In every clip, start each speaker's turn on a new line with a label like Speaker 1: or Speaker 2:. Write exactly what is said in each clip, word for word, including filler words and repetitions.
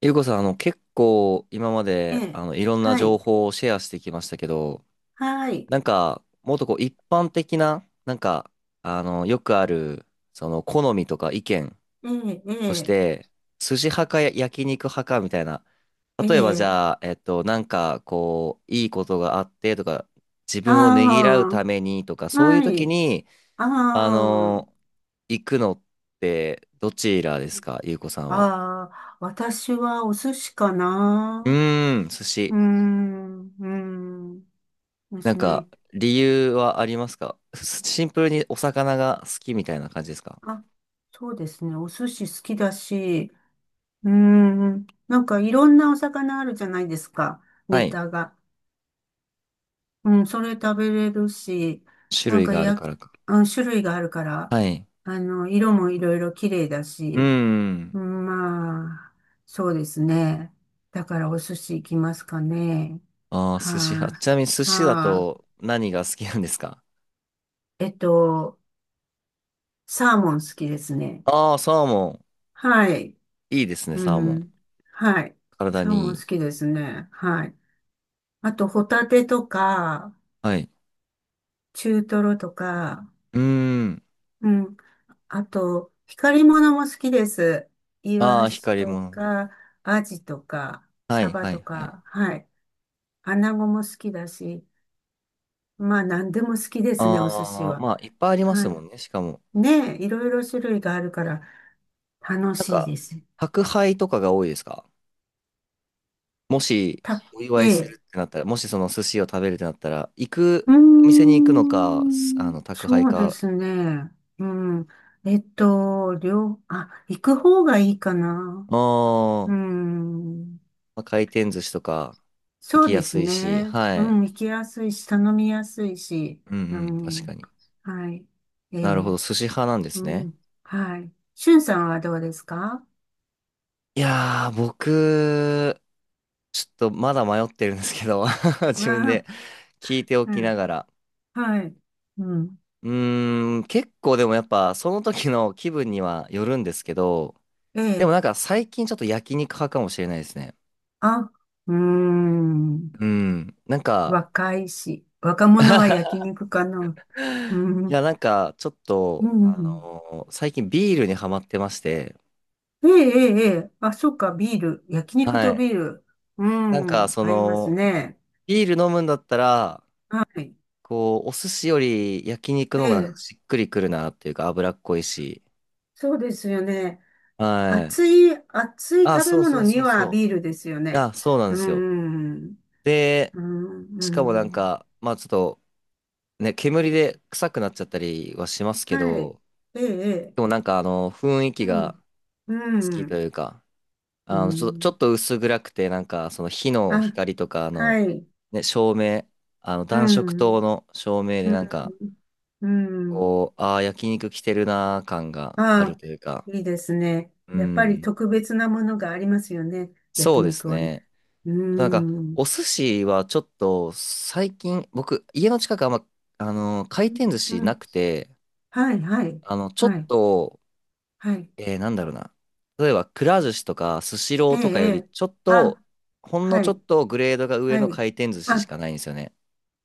Speaker 1: ゆうこさん、あの、結構今ま
Speaker 2: え
Speaker 1: で、
Speaker 2: え、
Speaker 1: あの、いろんな
Speaker 2: は
Speaker 1: 情
Speaker 2: い、
Speaker 1: 報をシェアしてきましたけど、
Speaker 2: はい、
Speaker 1: なんか、もっとこう、一般的な、なんか、あの、よくある、その、好みとか意見
Speaker 2: ええ、え
Speaker 1: とし
Speaker 2: え、
Speaker 1: て、筋派かや焼肉派かみたいな、
Speaker 2: え
Speaker 1: 例えばじ
Speaker 2: え、
Speaker 1: ゃあ、えっと、なんか、こう、いいことがあってとか、自分をねぎらう
Speaker 2: あ
Speaker 1: ためにとか、
Speaker 2: あ、
Speaker 1: そういう
Speaker 2: は
Speaker 1: 時
Speaker 2: い、
Speaker 1: に、
Speaker 2: あ
Speaker 1: あの、行くのって、どちらですか、ゆうこさん
Speaker 2: あ、
Speaker 1: は。
Speaker 2: ああ、私はお寿司か
Speaker 1: う
Speaker 2: な。
Speaker 1: ーん、寿
Speaker 2: う
Speaker 1: 司。
Speaker 2: ーん、うーん、で
Speaker 1: なん
Speaker 2: すね。
Speaker 1: か、理由はありますか？すシンプルにお魚が好きみたいな感じですか？
Speaker 2: あ、そうですね。お寿司好きだし、うーん、なんかいろんなお魚あるじゃないですか。
Speaker 1: は
Speaker 2: ネ
Speaker 1: い。
Speaker 2: タが。うん、それ食べれるし、
Speaker 1: 種
Speaker 2: なん
Speaker 1: 類
Speaker 2: か
Speaker 1: がある
Speaker 2: や、
Speaker 1: からか。
Speaker 2: あの種類があるから、
Speaker 1: はい。
Speaker 2: あの、色もいろいろ綺麗だ
Speaker 1: う
Speaker 2: し、
Speaker 1: ん。
Speaker 2: まあ、そうですね。だからお寿司行きますかね。
Speaker 1: ああ、寿司
Speaker 2: は
Speaker 1: 派。ちな
Speaker 2: い、
Speaker 1: みに寿司だ
Speaker 2: は
Speaker 1: と何が好きなんですか？
Speaker 2: い、えっと、サーモン好きですね。
Speaker 1: ああー、サーモ
Speaker 2: はい。
Speaker 1: ン。いいですね、
Speaker 2: う
Speaker 1: サーモン。
Speaker 2: ん。はい。
Speaker 1: 体
Speaker 2: サー
Speaker 1: に
Speaker 2: モ
Speaker 1: い
Speaker 2: ン好
Speaker 1: い。
Speaker 2: きですね。はい。あと、ホタテとか、
Speaker 1: はい。
Speaker 2: 中トロとか、
Speaker 1: うーん。
Speaker 2: うん。あと、光り物も好きです。イ
Speaker 1: あ
Speaker 2: ワ
Speaker 1: あ、
Speaker 2: シ
Speaker 1: 光り
Speaker 2: と
Speaker 1: 物。
Speaker 2: か、アジとか、
Speaker 1: は
Speaker 2: サ
Speaker 1: い、
Speaker 2: バ
Speaker 1: はい、
Speaker 2: と
Speaker 1: はい。
Speaker 2: か、はい。アナゴも好きだし、まあ、何でも好きですね、お寿司
Speaker 1: ああ、
Speaker 2: は。
Speaker 1: まあ、いっぱいありま
Speaker 2: は
Speaker 1: す
Speaker 2: い。
Speaker 1: もんね、しかも。
Speaker 2: ねえ、いろいろ種類があるから楽
Speaker 1: なん
Speaker 2: しい
Speaker 1: か、
Speaker 2: です。
Speaker 1: 宅配とかが多いですか？もし
Speaker 2: た、
Speaker 1: お祝
Speaker 2: え
Speaker 1: いす
Speaker 2: え、
Speaker 1: るってなったら、もしその寿司を食べるってなったら、行く、
Speaker 2: うー
Speaker 1: お店に行くのか、すあ
Speaker 2: ん、
Speaker 1: の、宅配
Speaker 2: そうで
Speaker 1: か、
Speaker 2: すね。うん。えっと、両、あ、行く方がいいかな。
Speaker 1: あ
Speaker 2: う
Speaker 1: ー、
Speaker 2: ん。
Speaker 1: まあ、回転寿司とか行
Speaker 2: そ
Speaker 1: き
Speaker 2: う
Speaker 1: や
Speaker 2: です
Speaker 1: すいし、
Speaker 2: ね。
Speaker 1: は
Speaker 2: う
Speaker 1: い。
Speaker 2: ん、行きやすいし、頼みやすいし。
Speaker 1: うんう
Speaker 2: う
Speaker 1: ん、確か
Speaker 2: ん。
Speaker 1: に。
Speaker 2: はい。え
Speaker 1: なるほど、
Speaker 2: え、
Speaker 1: 寿司派なんで
Speaker 2: う
Speaker 1: すね。
Speaker 2: ん。はい。しゅんさんはどうですか？
Speaker 1: いやー、僕、ちょっとまだ迷ってるんですけど、
Speaker 2: あ
Speaker 1: 自分
Speaker 2: あ、
Speaker 1: で聞いてお
Speaker 2: う
Speaker 1: きな
Speaker 2: ん。
Speaker 1: がら。
Speaker 2: はい。うん。
Speaker 1: うーん、結構でもやっぱ、その時の気分にはよるんですけど、
Speaker 2: え
Speaker 1: でも
Speaker 2: え、
Speaker 1: なんか最近ちょっと焼肉派かもしれないですね。
Speaker 2: あ、うーん、
Speaker 1: うん。なんか、
Speaker 2: 若いし、若者は 焼肉かな。う
Speaker 1: い
Speaker 2: ん、
Speaker 1: や、なんか、ちょっ
Speaker 2: う
Speaker 1: と、あ
Speaker 2: ん。
Speaker 1: のー最近ビールにハマってまして、
Speaker 2: ええ、ええ、ええ、あ、そうか、ビール。焼肉
Speaker 1: は
Speaker 2: と
Speaker 1: い。
Speaker 2: ビール。う
Speaker 1: なんか、
Speaker 2: ん、
Speaker 1: そ
Speaker 2: 合います
Speaker 1: の、
Speaker 2: ね。
Speaker 1: ビール飲むんだったら、
Speaker 2: はい。
Speaker 1: こう、お寿司より焼肉
Speaker 2: え
Speaker 1: の方がなんか
Speaker 2: え、
Speaker 1: しっくりくるなっていうか、脂っこい
Speaker 2: そ
Speaker 1: し。
Speaker 2: そうですよね。
Speaker 1: はい。
Speaker 2: 熱い、熱い
Speaker 1: あ、
Speaker 2: 食べ
Speaker 1: そうそ
Speaker 2: 物
Speaker 1: う
Speaker 2: に
Speaker 1: そう
Speaker 2: は
Speaker 1: そう。
Speaker 2: ビールですよ
Speaker 1: い
Speaker 2: ね。
Speaker 1: や、そうなん
Speaker 2: う
Speaker 1: ですよ。
Speaker 2: ん、
Speaker 1: で、
Speaker 2: うん、う
Speaker 1: しかもなん
Speaker 2: ん。
Speaker 1: か、まあちょっと、ね、煙で臭くなっちゃったりはしますけ
Speaker 2: はい。
Speaker 1: ど、
Speaker 2: ええ、ええ、
Speaker 1: でもなんか、あの、雰囲
Speaker 2: う
Speaker 1: 気が
Speaker 2: ん、
Speaker 1: 好き
Speaker 2: う
Speaker 1: と
Speaker 2: ん、
Speaker 1: いうか、
Speaker 2: う
Speaker 1: あの、ちょ、ちょ
Speaker 2: ん。
Speaker 1: っと薄暗くて、なんか、その火の
Speaker 2: あ、
Speaker 1: 光とか、あの、
Speaker 2: はい。
Speaker 1: ね、照明、あの、
Speaker 2: う
Speaker 1: 暖色灯
Speaker 2: ん、
Speaker 1: の照明
Speaker 2: う
Speaker 1: で、
Speaker 2: ん、
Speaker 1: なんか、
Speaker 2: うん。
Speaker 1: こう、ああ、焼肉来てるなー感がある
Speaker 2: ああ、
Speaker 1: というか、
Speaker 2: いいですね。
Speaker 1: う
Speaker 2: やっぱり
Speaker 1: ん、
Speaker 2: 特別なものがありますよね。
Speaker 1: そ
Speaker 2: 焼
Speaker 1: うです
Speaker 2: 肉はね。
Speaker 1: ね。
Speaker 2: う
Speaker 1: なんか、
Speaker 2: ん、うん、
Speaker 1: お寿司はちょっと、最近、僕、家の近くあんま、あの、回転寿
Speaker 2: う
Speaker 1: 司な
Speaker 2: ん。
Speaker 1: くて、
Speaker 2: はい、はい、
Speaker 1: あの、ちょっ
Speaker 2: はい、
Speaker 1: と、
Speaker 2: はい。
Speaker 1: えー、なんだろうな。例えば、くら寿司とか、スシロ
Speaker 2: え
Speaker 1: ー
Speaker 2: え、
Speaker 1: とか
Speaker 2: え
Speaker 1: より、
Speaker 2: え、
Speaker 1: ちょっと、
Speaker 2: あ、
Speaker 1: ほんの
Speaker 2: は
Speaker 1: ちょっ
Speaker 2: い、
Speaker 1: とグレードが上
Speaker 2: は
Speaker 1: の
Speaker 2: い。
Speaker 1: 回転寿司しか
Speaker 2: あ、
Speaker 1: ないんですよね。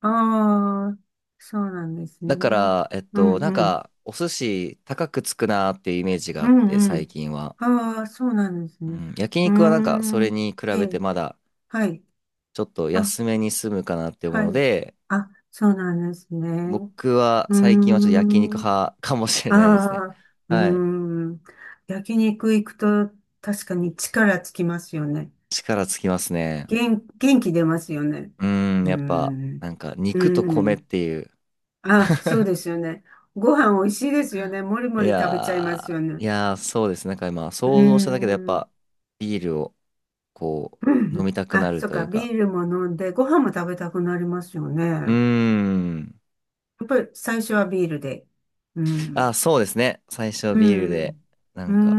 Speaker 2: ああ、そうなんです
Speaker 1: だか
Speaker 2: ね。
Speaker 1: ら、えっ
Speaker 2: う
Speaker 1: と、なん
Speaker 2: ん、うん、
Speaker 1: か、お寿司高くつくなーっていうイメージがあ
Speaker 2: う
Speaker 1: って、
Speaker 2: ん、う
Speaker 1: 最
Speaker 2: ん。
Speaker 1: 近は。
Speaker 2: ああ、そうなんです
Speaker 1: う
Speaker 2: ね。
Speaker 1: ん、焼
Speaker 2: うー
Speaker 1: 肉はなんか、それ
Speaker 2: ん、
Speaker 1: に比
Speaker 2: え
Speaker 1: べて
Speaker 2: え、
Speaker 1: まだ、
Speaker 2: はい。
Speaker 1: ちょっと
Speaker 2: あ、
Speaker 1: 安めに済むかなって思う
Speaker 2: は
Speaker 1: の
Speaker 2: い。
Speaker 1: で、
Speaker 2: あ、そうなんですね。
Speaker 1: 僕は
Speaker 2: うー
Speaker 1: 最近はちょっと焼肉
Speaker 2: ん。
Speaker 1: 派かもしれ
Speaker 2: あ
Speaker 1: ないですね。
Speaker 2: あ、うー
Speaker 1: はい。
Speaker 2: ん。焼肉行くと確かに力つきますよね。
Speaker 1: 力つきますね。
Speaker 2: 元、元気出ますよね。
Speaker 1: うーん、
Speaker 2: うー
Speaker 1: やっぱ、な
Speaker 2: ん。
Speaker 1: んか、
Speaker 2: う
Speaker 1: 肉と
Speaker 2: ー
Speaker 1: 米っ
Speaker 2: ん。
Speaker 1: ていう。
Speaker 2: あ、そうですよね。ご飯美味しいですよね。もり
Speaker 1: い
Speaker 2: もり食べちゃい
Speaker 1: や
Speaker 2: ます
Speaker 1: ー、
Speaker 2: よ
Speaker 1: い
Speaker 2: ね。
Speaker 1: やー、そうですね。なんか今、
Speaker 2: うー
Speaker 1: 想像しただけでやっ
Speaker 2: ん。
Speaker 1: ぱ、ビールを、こ
Speaker 2: う
Speaker 1: う、飲
Speaker 2: ん、
Speaker 1: みたくな
Speaker 2: あ、
Speaker 1: る
Speaker 2: そっ
Speaker 1: とい
Speaker 2: か。
Speaker 1: うか。
Speaker 2: ビールも飲んで、ご飯も食べたくなりますよね。
Speaker 1: うー
Speaker 2: や
Speaker 1: ん。
Speaker 2: っぱり最初はビールで。う
Speaker 1: あ、
Speaker 2: ん。
Speaker 1: そうですね。最初
Speaker 2: う
Speaker 1: ビールで、
Speaker 2: ん。
Speaker 1: な
Speaker 2: うー
Speaker 1: んか、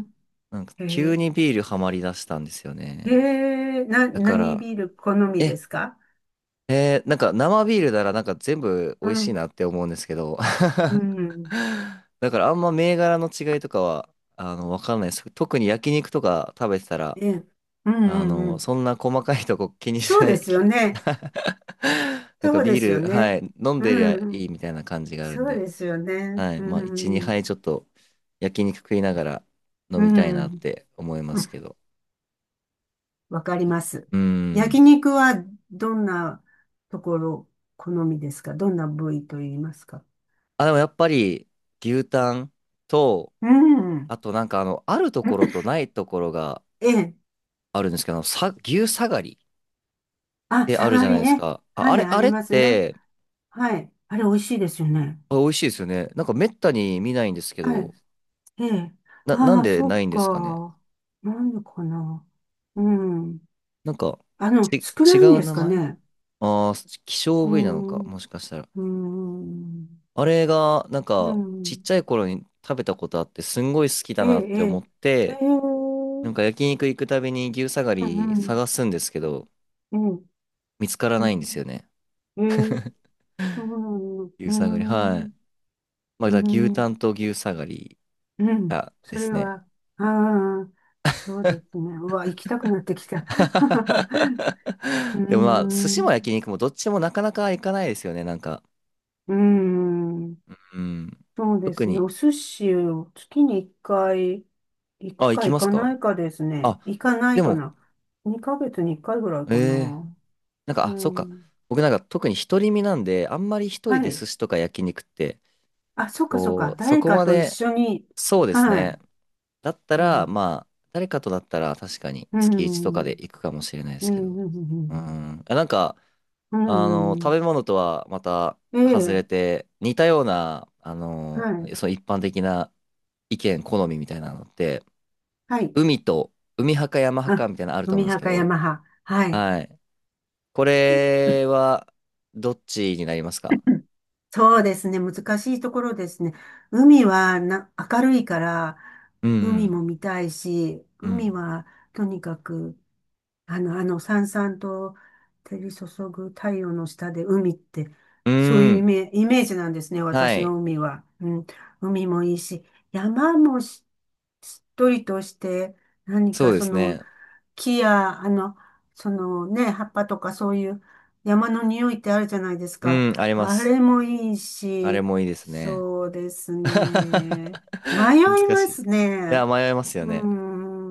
Speaker 2: ん。
Speaker 1: なんか
Speaker 2: え
Speaker 1: 急
Speaker 2: ー
Speaker 1: にビールハマりだしたんですよ
Speaker 2: え
Speaker 1: ね。
Speaker 2: えな、
Speaker 1: だか
Speaker 2: 何ビ
Speaker 1: ら、
Speaker 2: ール好みで
Speaker 1: え、
Speaker 2: すか？
Speaker 1: えーなんか生ビールならなんか全部美
Speaker 2: う
Speaker 1: 味しい
Speaker 2: ん、
Speaker 1: なって思うんですけど、
Speaker 2: うん、
Speaker 1: だからあんま銘柄の違いとかは、あの、わかんないです。特に焼肉とか食べてたら、
Speaker 2: ええ、うん、
Speaker 1: あ
Speaker 2: うん、う
Speaker 1: の、
Speaker 2: ん。
Speaker 1: そんな細かいとこ気にし
Speaker 2: そう
Speaker 1: な
Speaker 2: で
Speaker 1: い、
Speaker 2: すよ
Speaker 1: き
Speaker 2: ね。
Speaker 1: なんか
Speaker 2: そうで
Speaker 1: ビー
Speaker 2: すよ
Speaker 1: ル、は
Speaker 2: ね。
Speaker 1: い、飲んでりゃ
Speaker 2: う
Speaker 1: いい
Speaker 2: ん、
Speaker 1: みたいな感じがあるん
Speaker 2: そう
Speaker 1: で。
Speaker 2: ですよね。
Speaker 1: はい。
Speaker 2: う
Speaker 1: まあ、いち、2
Speaker 2: ん、
Speaker 1: 杯ちょっと焼肉食いながら飲
Speaker 2: う
Speaker 1: みたいなっ
Speaker 2: ん、
Speaker 1: て思いま
Speaker 2: う
Speaker 1: す
Speaker 2: ん、
Speaker 1: けど。
Speaker 2: わかります。
Speaker 1: う
Speaker 2: 焼
Speaker 1: ん。
Speaker 2: 肉はどんなところ好みですか？どんな部位と言いますか？
Speaker 1: あ、でもやっぱり牛タンと、
Speaker 2: うん。
Speaker 1: あとなんかあの、あるところとないところが
Speaker 2: ええ。
Speaker 1: あるんですけど、あのさ、牛下がりっ
Speaker 2: あ、
Speaker 1: てあ
Speaker 2: サ
Speaker 1: るじ
Speaker 2: ガ
Speaker 1: ゃない
Speaker 2: リ
Speaker 1: です
Speaker 2: ね。
Speaker 1: か。あ、あ
Speaker 2: はい、
Speaker 1: れ、
Speaker 2: あ
Speaker 1: あ
Speaker 2: り
Speaker 1: れっ
Speaker 2: ますね。
Speaker 1: て
Speaker 2: はい。あれ、美味しいですよね。
Speaker 1: あ、美味しいですよね。なんかめったに見ないんですけ
Speaker 2: はい。
Speaker 1: ど、
Speaker 2: ええ。
Speaker 1: な、なん
Speaker 2: ああ、
Speaker 1: で
Speaker 2: そ
Speaker 1: な
Speaker 2: っ
Speaker 1: いんですかね。
Speaker 2: か。なんでかな。うん。
Speaker 1: なんか、
Speaker 2: あの、
Speaker 1: ち、
Speaker 2: 少
Speaker 1: 違
Speaker 2: ないん
Speaker 1: う
Speaker 2: です
Speaker 1: 名
Speaker 2: か
Speaker 1: 前、
Speaker 2: ね。
Speaker 1: ああー、希少
Speaker 2: う
Speaker 1: 部位なのか、
Speaker 2: ん。
Speaker 1: もしかしたら。
Speaker 2: うん。
Speaker 1: あれが、なん
Speaker 2: う
Speaker 1: か、ちっ
Speaker 2: ん。
Speaker 1: ちゃい頃に食べたことあって、すんごい好きだ
Speaker 2: ええ、
Speaker 1: なっ
Speaker 2: え
Speaker 1: て思
Speaker 2: え。
Speaker 1: っ
Speaker 2: え
Speaker 1: て、
Speaker 2: え。う
Speaker 1: なん
Speaker 2: ん
Speaker 1: か焼肉行くたびに牛下がり探すんですけど、
Speaker 2: うん、
Speaker 1: 見つからないんですよね。
Speaker 2: ええ、ええ、そうなんう
Speaker 1: 牛
Speaker 2: ー
Speaker 1: 下がり。は
Speaker 2: ん、
Speaker 1: い。
Speaker 2: う
Speaker 1: まあ、
Speaker 2: ー
Speaker 1: だから牛タ
Speaker 2: ん、
Speaker 1: ンと牛下がり
Speaker 2: うん、
Speaker 1: が
Speaker 2: そ
Speaker 1: です
Speaker 2: れ
Speaker 1: ね。
Speaker 2: は、ああ、そうですね。うわ、行きたくなってきた。うー
Speaker 1: でもまあ、寿司
Speaker 2: ん、
Speaker 1: も
Speaker 2: う
Speaker 1: 焼肉もどっちもなかなか行かないですよね、なんか。
Speaker 2: ーん。
Speaker 1: うん。
Speaker 2: そうで
Speaker 1: 特
Speaker 2: すね。
Speaker 1: に。
Speaker 2: お寿司を月にいっかい行
Speaker 1: あ、
Speaker 2: く
Speaker 1: 行
Speaker 2: か
Speaker 1: き
Speaker 2: 行
Speaker 1: ます
Speaker 2: か
Speaker 1: か？
Speaker 2: ないかです
Speaker 1: あ、
Speaker 2: ね。行かな
Speaker 1: で
Speaker 2: いか
Speaker 1: も、
Speaker 2: な。にかげつにいっかいぐらい
Speaker 1: え
Speaker 2: か
Speaker 1: え、
Speaker 2: な。
Speaker 1: なんか、
Speaker 2: う
Speaker 1: あ、そっか。
Speaker 2: ん。
Speaker 1: 僕なんか特に独り身なんで、あんまり一人
Speaker 2: は
Speaker 1: で
Speaker 2: い。
Speaker 1: 寿司とか焼肉って、
Speaker 2: あ、そっかそっか。
Speaker 1: こう、そ
Speaker 2: 誰
Speaker 1: こ
Speaker 2: か
Speaker 1: ま
Speaker 2: と一
Speaker 1: で、
Speaker 2: 緒に。
Speaker 1: そうです
Speaker 2: はい。
Speaker 1: ね。だった
Speaker 2: う
Speaker 1: ら、
Speaker 2: ん。
Speaker 1: まあ、誰かとだったら確かに
Speaker 2: う
Speaker 1: 月つきいちとかで
Speaker 2: ん。
Speaker 1: 行くかもしれないで
Speaker 2: う
Speaker 1: すけ
Speaker 2: ん。
Speaker 1: ど。
Speaker 2: う
Speaker 1: う
Speaker 2: ん
Speaker 1: ん。あ、なんか、
Speaker 2: う
Speaker 1: あの、
Speaker 2: ん。う
Speaker 1: 食
Speaker 2: ん、
Speaker 1: べ物とはまた
Speaker 2: え
Speaker 1: 外れ
Speaker 2: え。
Speaker 1: て、似たような、あの、
Speaker 2: はい。
Speaker 1: その一般的な意見、好みみたいなのって、
Speaker 2: はい。
Speaker 1: 海と、海派か山派
Speaker 2: あ、
Speaker 1: かみたいなのあると思
Speaker 2: 海
Speaker 1: うんです
Speaker 2: 派
Speaker 1: け
Speaker 2: か
Speaker 1: ど、
Speaker 2: 山派。はい。
Speaker 1: はい。これは、どっちになりますか？
Speaker 2: そうですね。難しいところですね。海はな、明るいから、
Speaker 1: うんう
Speaker 2: 海
Speaker 1: ん。
Speaker 2: も見たいし、
Speaker 1: う
Speaker 2: 海
Speaker 1: ん。
Speaker 2: はとにかく、あの、あの、さんさんと照り注ぐ太陽の下で海って、
Speaker 1: う
Speaker 2: そうい
Speaker 1: ー
Speaker 2: うイ
Speaker 1: ん。
Speaker 2: メ、イメージなんですね。
Speaker 1: は
Speaker 2: 私
Speaker 1: い。
Speaker 2: の海は。うん。海もいいし、山もし、しっとりとして、何
Speaker 1: そ
Speaker 2: か
Speaker 1: うで
Speaker 2: そ
Speaker 1: す
Speaker 2: の、
Speaker 1: ね。
Speaker 2: 木や、あの、そのね、葉っぱとかそういう山の匂いってあるじゃないです
Speaker 1: う
Speaker 2: か。
Speaker 1: ん、ありま
Speaker 2: あ
Speaker 1: す。
Speaker 2: れもいい
Speaker 1: あれ
Speaker 2: し、
Speaker 1: もいいですね。
Speaker 2: そうです ね。迷い
Speaker 1: 難
Speaker 2: ま
Speaker 1: しい。い
Speaker 2: す
Speaker 1: や、
Speaker 2: ね。
Speaker 1: 迷いますよ
Speaker 2: う
Speaker 1: ね。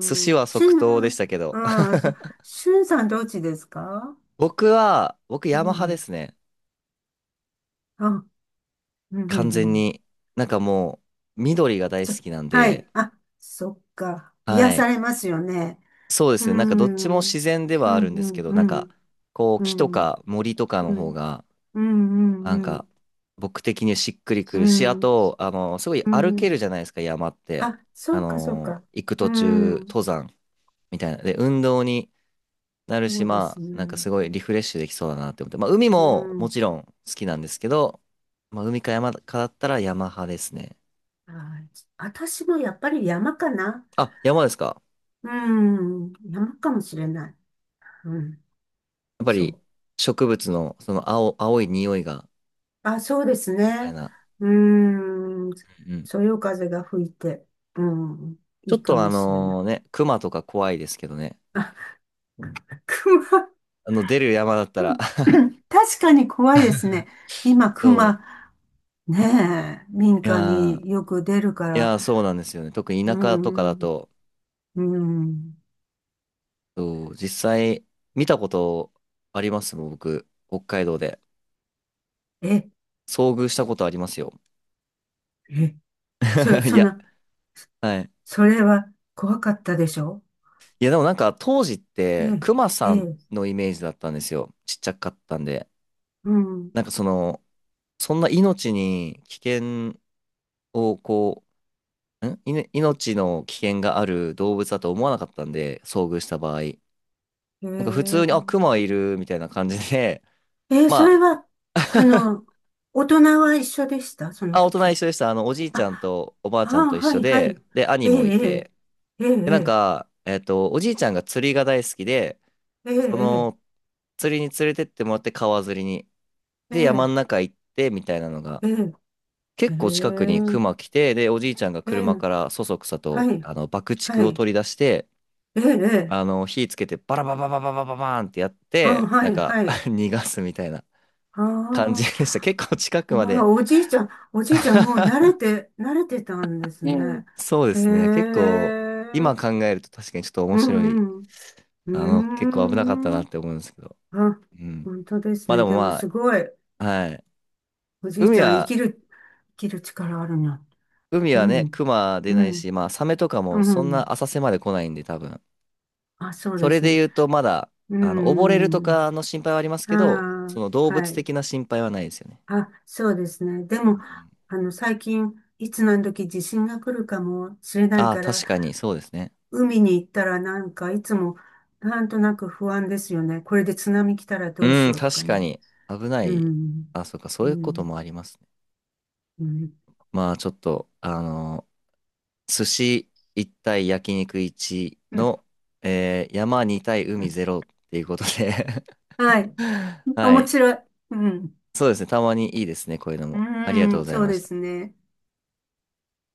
Speaker 1: 寿司は
Speaker 2: ん。し
Speaker 1: 即
Speaker 2: ゅ
Speaker 1: 答でし
Speaker 2: ん、
Speaker 1: たけど。
Speaker 2: ああ、そう、しゅんさんどっちですか？
Speaker 1: 僕は、僕
Speaker 2: う
Speaker 1: ヤマハで
Speaker 2: ん。
Speaker 1: すね。
Speaker 2: あ、うんうんう
Speaker 1: 完全
Speaker 2: ん。
Speaker 1: に。なんかもう、緑が大好
Speaker 2: そ、
Speaker 1: きなん
Speaker 2: は
Speaker 1: で、
Speaker 2: い。あ、そっか。癒
Speaker 1: は
Speaker 2: さ
Speaker 1: い。
Speaker 2: れますよね。
Speaker 1: そうで
Speaker 2: う
Speaker 1: す
Speaker 2: ー
Speaker 1: ね。なんかどっち
Speaker 2: ん。
Speaker 1: も自然で
Speaker 2: う
Speaker 1: はあるんです
Speaker 2: ん
Speaker 1: け
Speaker 2: うん
Speaker 1: ど、
Speaker 2: う
Speaker 1: なんか、
Speaker 2: ん。
Speaker 1: こう、
Speaker 2: う
Speaker 1: 木と
Speaker 2: ん。
Speaker 1: か森とか
Speaker 2: う
Speaker 1: の方
Speaker 2: ん
Speaker 1: が、
Speaker 2: うんうん
Speaker 1: なん
Speaker 2: う
Speaker 1: か、
Speaker 2: ん
Speaker 1: 僕的にしっくりく
Speaker 2: う
Speaker 1: るし、あ
Speaker 2: ん。
Speaker 1: と、あの、すごい
Speaker 2: う
Speaker 1: 歩けるじ
Speaker 2: ん。
Speaker 1: ゃないですか、山って。
Speaker 2: あ、
Speaker 1: あ
Speaker 2: そうか、そう
Speaker 1: の、
Speaker 2: か。
Speaker 1: 行く
Speaker 2: う
Speaker 1: 途中、
Speaker 2: ん。
Speaker 1: 登山。みたいな。で、運動になる
Speaker 2: そ
Speaker 1: し、
Speaker 2: うです
Speaker 1: まあ、なんか
Speaker 2: ね。
Speaker 1: すごいリフレッシュできそうだなって思って。まあ、海
Speaker 2: う
Speaker 1: もも
Speaker 2: ん。
Speaker 1: ちろん好きなんですけど、まあ、海か山かだったら山派ですね。
Speaker 2: はい。私もやっぱり山かな。
Speaker 1: あ、山ですか？
Speaker 2: うん。山かもしれない。うん。
Speaker 1: やっぱ
Speaker 2: そ
Speaker 1: り
Speaker 2: う。
Speaker 1: 植物のその青、青い匂いが、
Speaker 2: あ、そうです
Speaker 1: みたい
Speaker 2: ね。
Speaker 1: な。
Speaker 2: うん。
Speaker 1: うんうん。
Speaker 2: そよ風が吹いて、うん。い
Speaker 1: ちょ
Speaker 2: い
Speaker 1: っ
Speaker 2: か
Speaker 1: とあ
Speaker 2: もしれない。
Speaker 1: のね、熊とか怖いですけどね。
Speaker 2: 熊。
Speaker 1: あの、出る山だった
Speaker 2: う
Speaker 1: ら
Speaker 2: ん。 確かに怖いですね。今、
Speaker 1: そう。
Speaker 2: 熊。ねえ、民
Speaker 1: い
Speaker 2: 家
Speaker 1: やー、
Speaker 2: によく出るか
Speaker 1: い
Speaker 2: ら。
Speaker 1: やー、そうなんですよね。特に
Speaker 2: う
Speaker 1: 田舎とかだ
Speaker 2: ん。
Speaker 1: と、
Speaker 2: うん。
Speaker 1: そう、実際見たことありますもん、僕、北海道で。
Speaker 2: え、
Speaker 1: 遭遇したことありますよ。
Speaker 2: え、そ、
Speaker 1: い
Speaker 2: そん
Speaker 1: や、
Speaker 2: な、
Speaker 1: はい。
Speaker 2: それは怖かったでしょ？
Speaker 1: いや、でもなんか当時っ
Speaker 2: え
Speaker 1: て、
Speaker 2: え、
Speaker 1: クマ
Speaker 2: え
Speaker 1: さん
Speaker 2: え、
Speaker 1: のイメージだったんですよ。ちっちゃかったんで。
Speaker 2: うん、
Speaker 1: なんかその、そんな命に危険をこう、んいね命の危険がある動物だと思わなかったんで、遭遇した場合。
Speaker 2: え
Speaker 1: なんか普通に、あ、ク
Speaker 2: え、
Speaker 1: マいるみたいな感じで、
Speaker 2: ええ、そ
Speaker 1: ま
Speaker 2: れは、あの、大人は一緒でしたそ
Speaker 1: あ、
Speaker 2: の
Speaker 1: あ、大人一
Speaker 2: 時。
Speaker 1: 緒でした。あの、おじいちゃん
Speaker 2: あ、
Speaker 1: とおばあ
Speaker 2: あ
Speaker 1: ちゃんと
Speaker 2: あ、
Speaker 1: 一
Speaker 2: は
Speaker 1: 緒
Speaker 2: い、は
Speaker 1: で、
Speaker 2: い。
Speaker 1: で、兄
Speaker 2: ええ、
Speaker 1: もいて、
Speaker 2: ええ、え
Speaker 1: で、なん
Speaker 2: え、
Speaker 1: か、えっと、おじいちゃんが釣りが大好きで、
Speaker 2: ええ、
Speaker 1: そ
Speaker 2: え
Speaker 1: の、
Speaker 2: え、
Speaker 1: 釣りに連れてってもらって川釣りに。
Speaker 2: え
Speaker 1: で、山
Speaker 2: え、
Speaker 1: の中行ってみたいなのが、
Speaker 2: ええ、え
Speaker 1: 結構近くに熊
Speaker 2: え、
Speaker 1: 来て、で、おじいちゃんが
Speaker 2: え
Speaker 1: 車
Speaker 2: え、
Speaker 1: からそそくさと、
Speaker 2: はい、
Speaker 1: あの、爆竹
Speaker 2: は
Speaker 1: を
Speaker 2: い、
Speaker 1: 取り出して、
Speaker 2: ええ、え
Speaker 1: あ
Speaker 2: え、
Speaker 1: の、火つけてバラバラバラバラバラバーンってやっ
Speaker 2: あ、
Speaker 1: て、
Speaker 2: は
Speaker 1: なん
Speaker 2: い、
Speaker 1: か
Speaker 2: は い。
Speaker 1: 逃がすみたいな
Speaker 2: あ
Speaker 1: 感じ
Speaker 2: あ、
Speaker 1: でした。結構近く
Speaker 2: う
Speaker 1: まで
Speaker 2: わ、おじいちゃん、おじいちゃんもう慣れ て、慣れてたんですね。
Speaker 1: そうで
Speaker 2: へえ、
Speaker 1: すね。結構、
Speaker 2: う
Speaker 1: 今
Speaker 2: ん
Speaker 1: 考えると確かにちょっと面
Speaker 2: う
Speaker 1: 白い。
Speaker 2: ん。う
Speaker 1: あの、結
Speaker 2: ー
Speaker 1: 構危なかったな
Speaker 2: ん。
Speaker 1: って思うんですけど。
Speaker 2: あ、
Speaker 1: うん。
Speaker 2: 本当です
Speaker 1: まあで
Speaker 2: ね。
Speaker 1: も
Speaker 2: でも
Speaker 1: ま
Speaker 2: すごい、
Speaker 1: あ、はい。
Speaker 2: おじいち
Speaker 1: 海
Speaker 2: ゃん生き
Speaker 1: は
Speaker 2: る、生きる力あるな。
Speaker 1: 海は
Speaker 2: う
Speaker 1: ね、
Speaker 2: ん、
Speaker 1: クマ出
Speaker 2: う
Speaker 1: ないし、
Speaker 2: ん、
Speaker 1: まあ、サメとか
Speaker 2: う
Speaker 1: もそんな
Speaker 2: ん。
Speaker 1: 浅瀬まで来ないんで、多分。
Speaker 2: あ、そう
Speaker 1: そ
Speaker 2: で
Speaker 1: れ
Speaker 2: す
Speaker 1: で
Speaker 2: ね。
Speaker 1: 言うと、まだ、
Speaker 2: う
Speaker 1: あの、溺れると
Speaker 2: ん。
Speaker 1: かの心配はあります
Speaker 2: あ
Speaker 1: けど、その動
Speaker 2: あ、は
Speaker 1: 物
Speaker 2: い。
Speaker 1: 的な心配はないですよね。
Speaker 2: あ、そうですね。でも、あの、最近、いつ何時地震が来るかもしれない
Speaker 1: ああー、
Speaker 2: から、
Speaker 1: 確かに、そうですね。
Speaker 2: 海に行ったらなんかいつもなんとなく不安ですよね。これで津波来たらどう
Speaker 1: う
Speaker 2: し
Speaker 1: ん、
Speaker 2: ようとか
Speaker 1: 確か
Speaker 2: ね。
Speaker 1: に、危な
Speaker 2: う
Speaker 1: い。
Speaker 2: ん。
Speaker 1: あ、そうか、そ
Speaker 2: う
Speaker 1: ういうことも
Speaker 2: ん。
Speaker 1: ありますね。
Speaker 2: うん。
Speaker 1: まあ、ちょっと、あの、寿司いち対焼肉いちの、えー山に対海ゼロ っていうことで
Speaker 2: はい。
Speaker 1: は
Speaker 2: 面
Speaker 1: い。
Speaker 2: 白い。うん。
Speaker 1: そうですね、たまにいいですね、こういうのも。あり
Speaker 2: う
Speaker 1: がとうご
Speaker 2: ん。
Speaker 1: ざい
Speaker 2: そう
Speaker 1: ま
Speaker 2: で
Speaker 1: した。
Speaker 2: すね。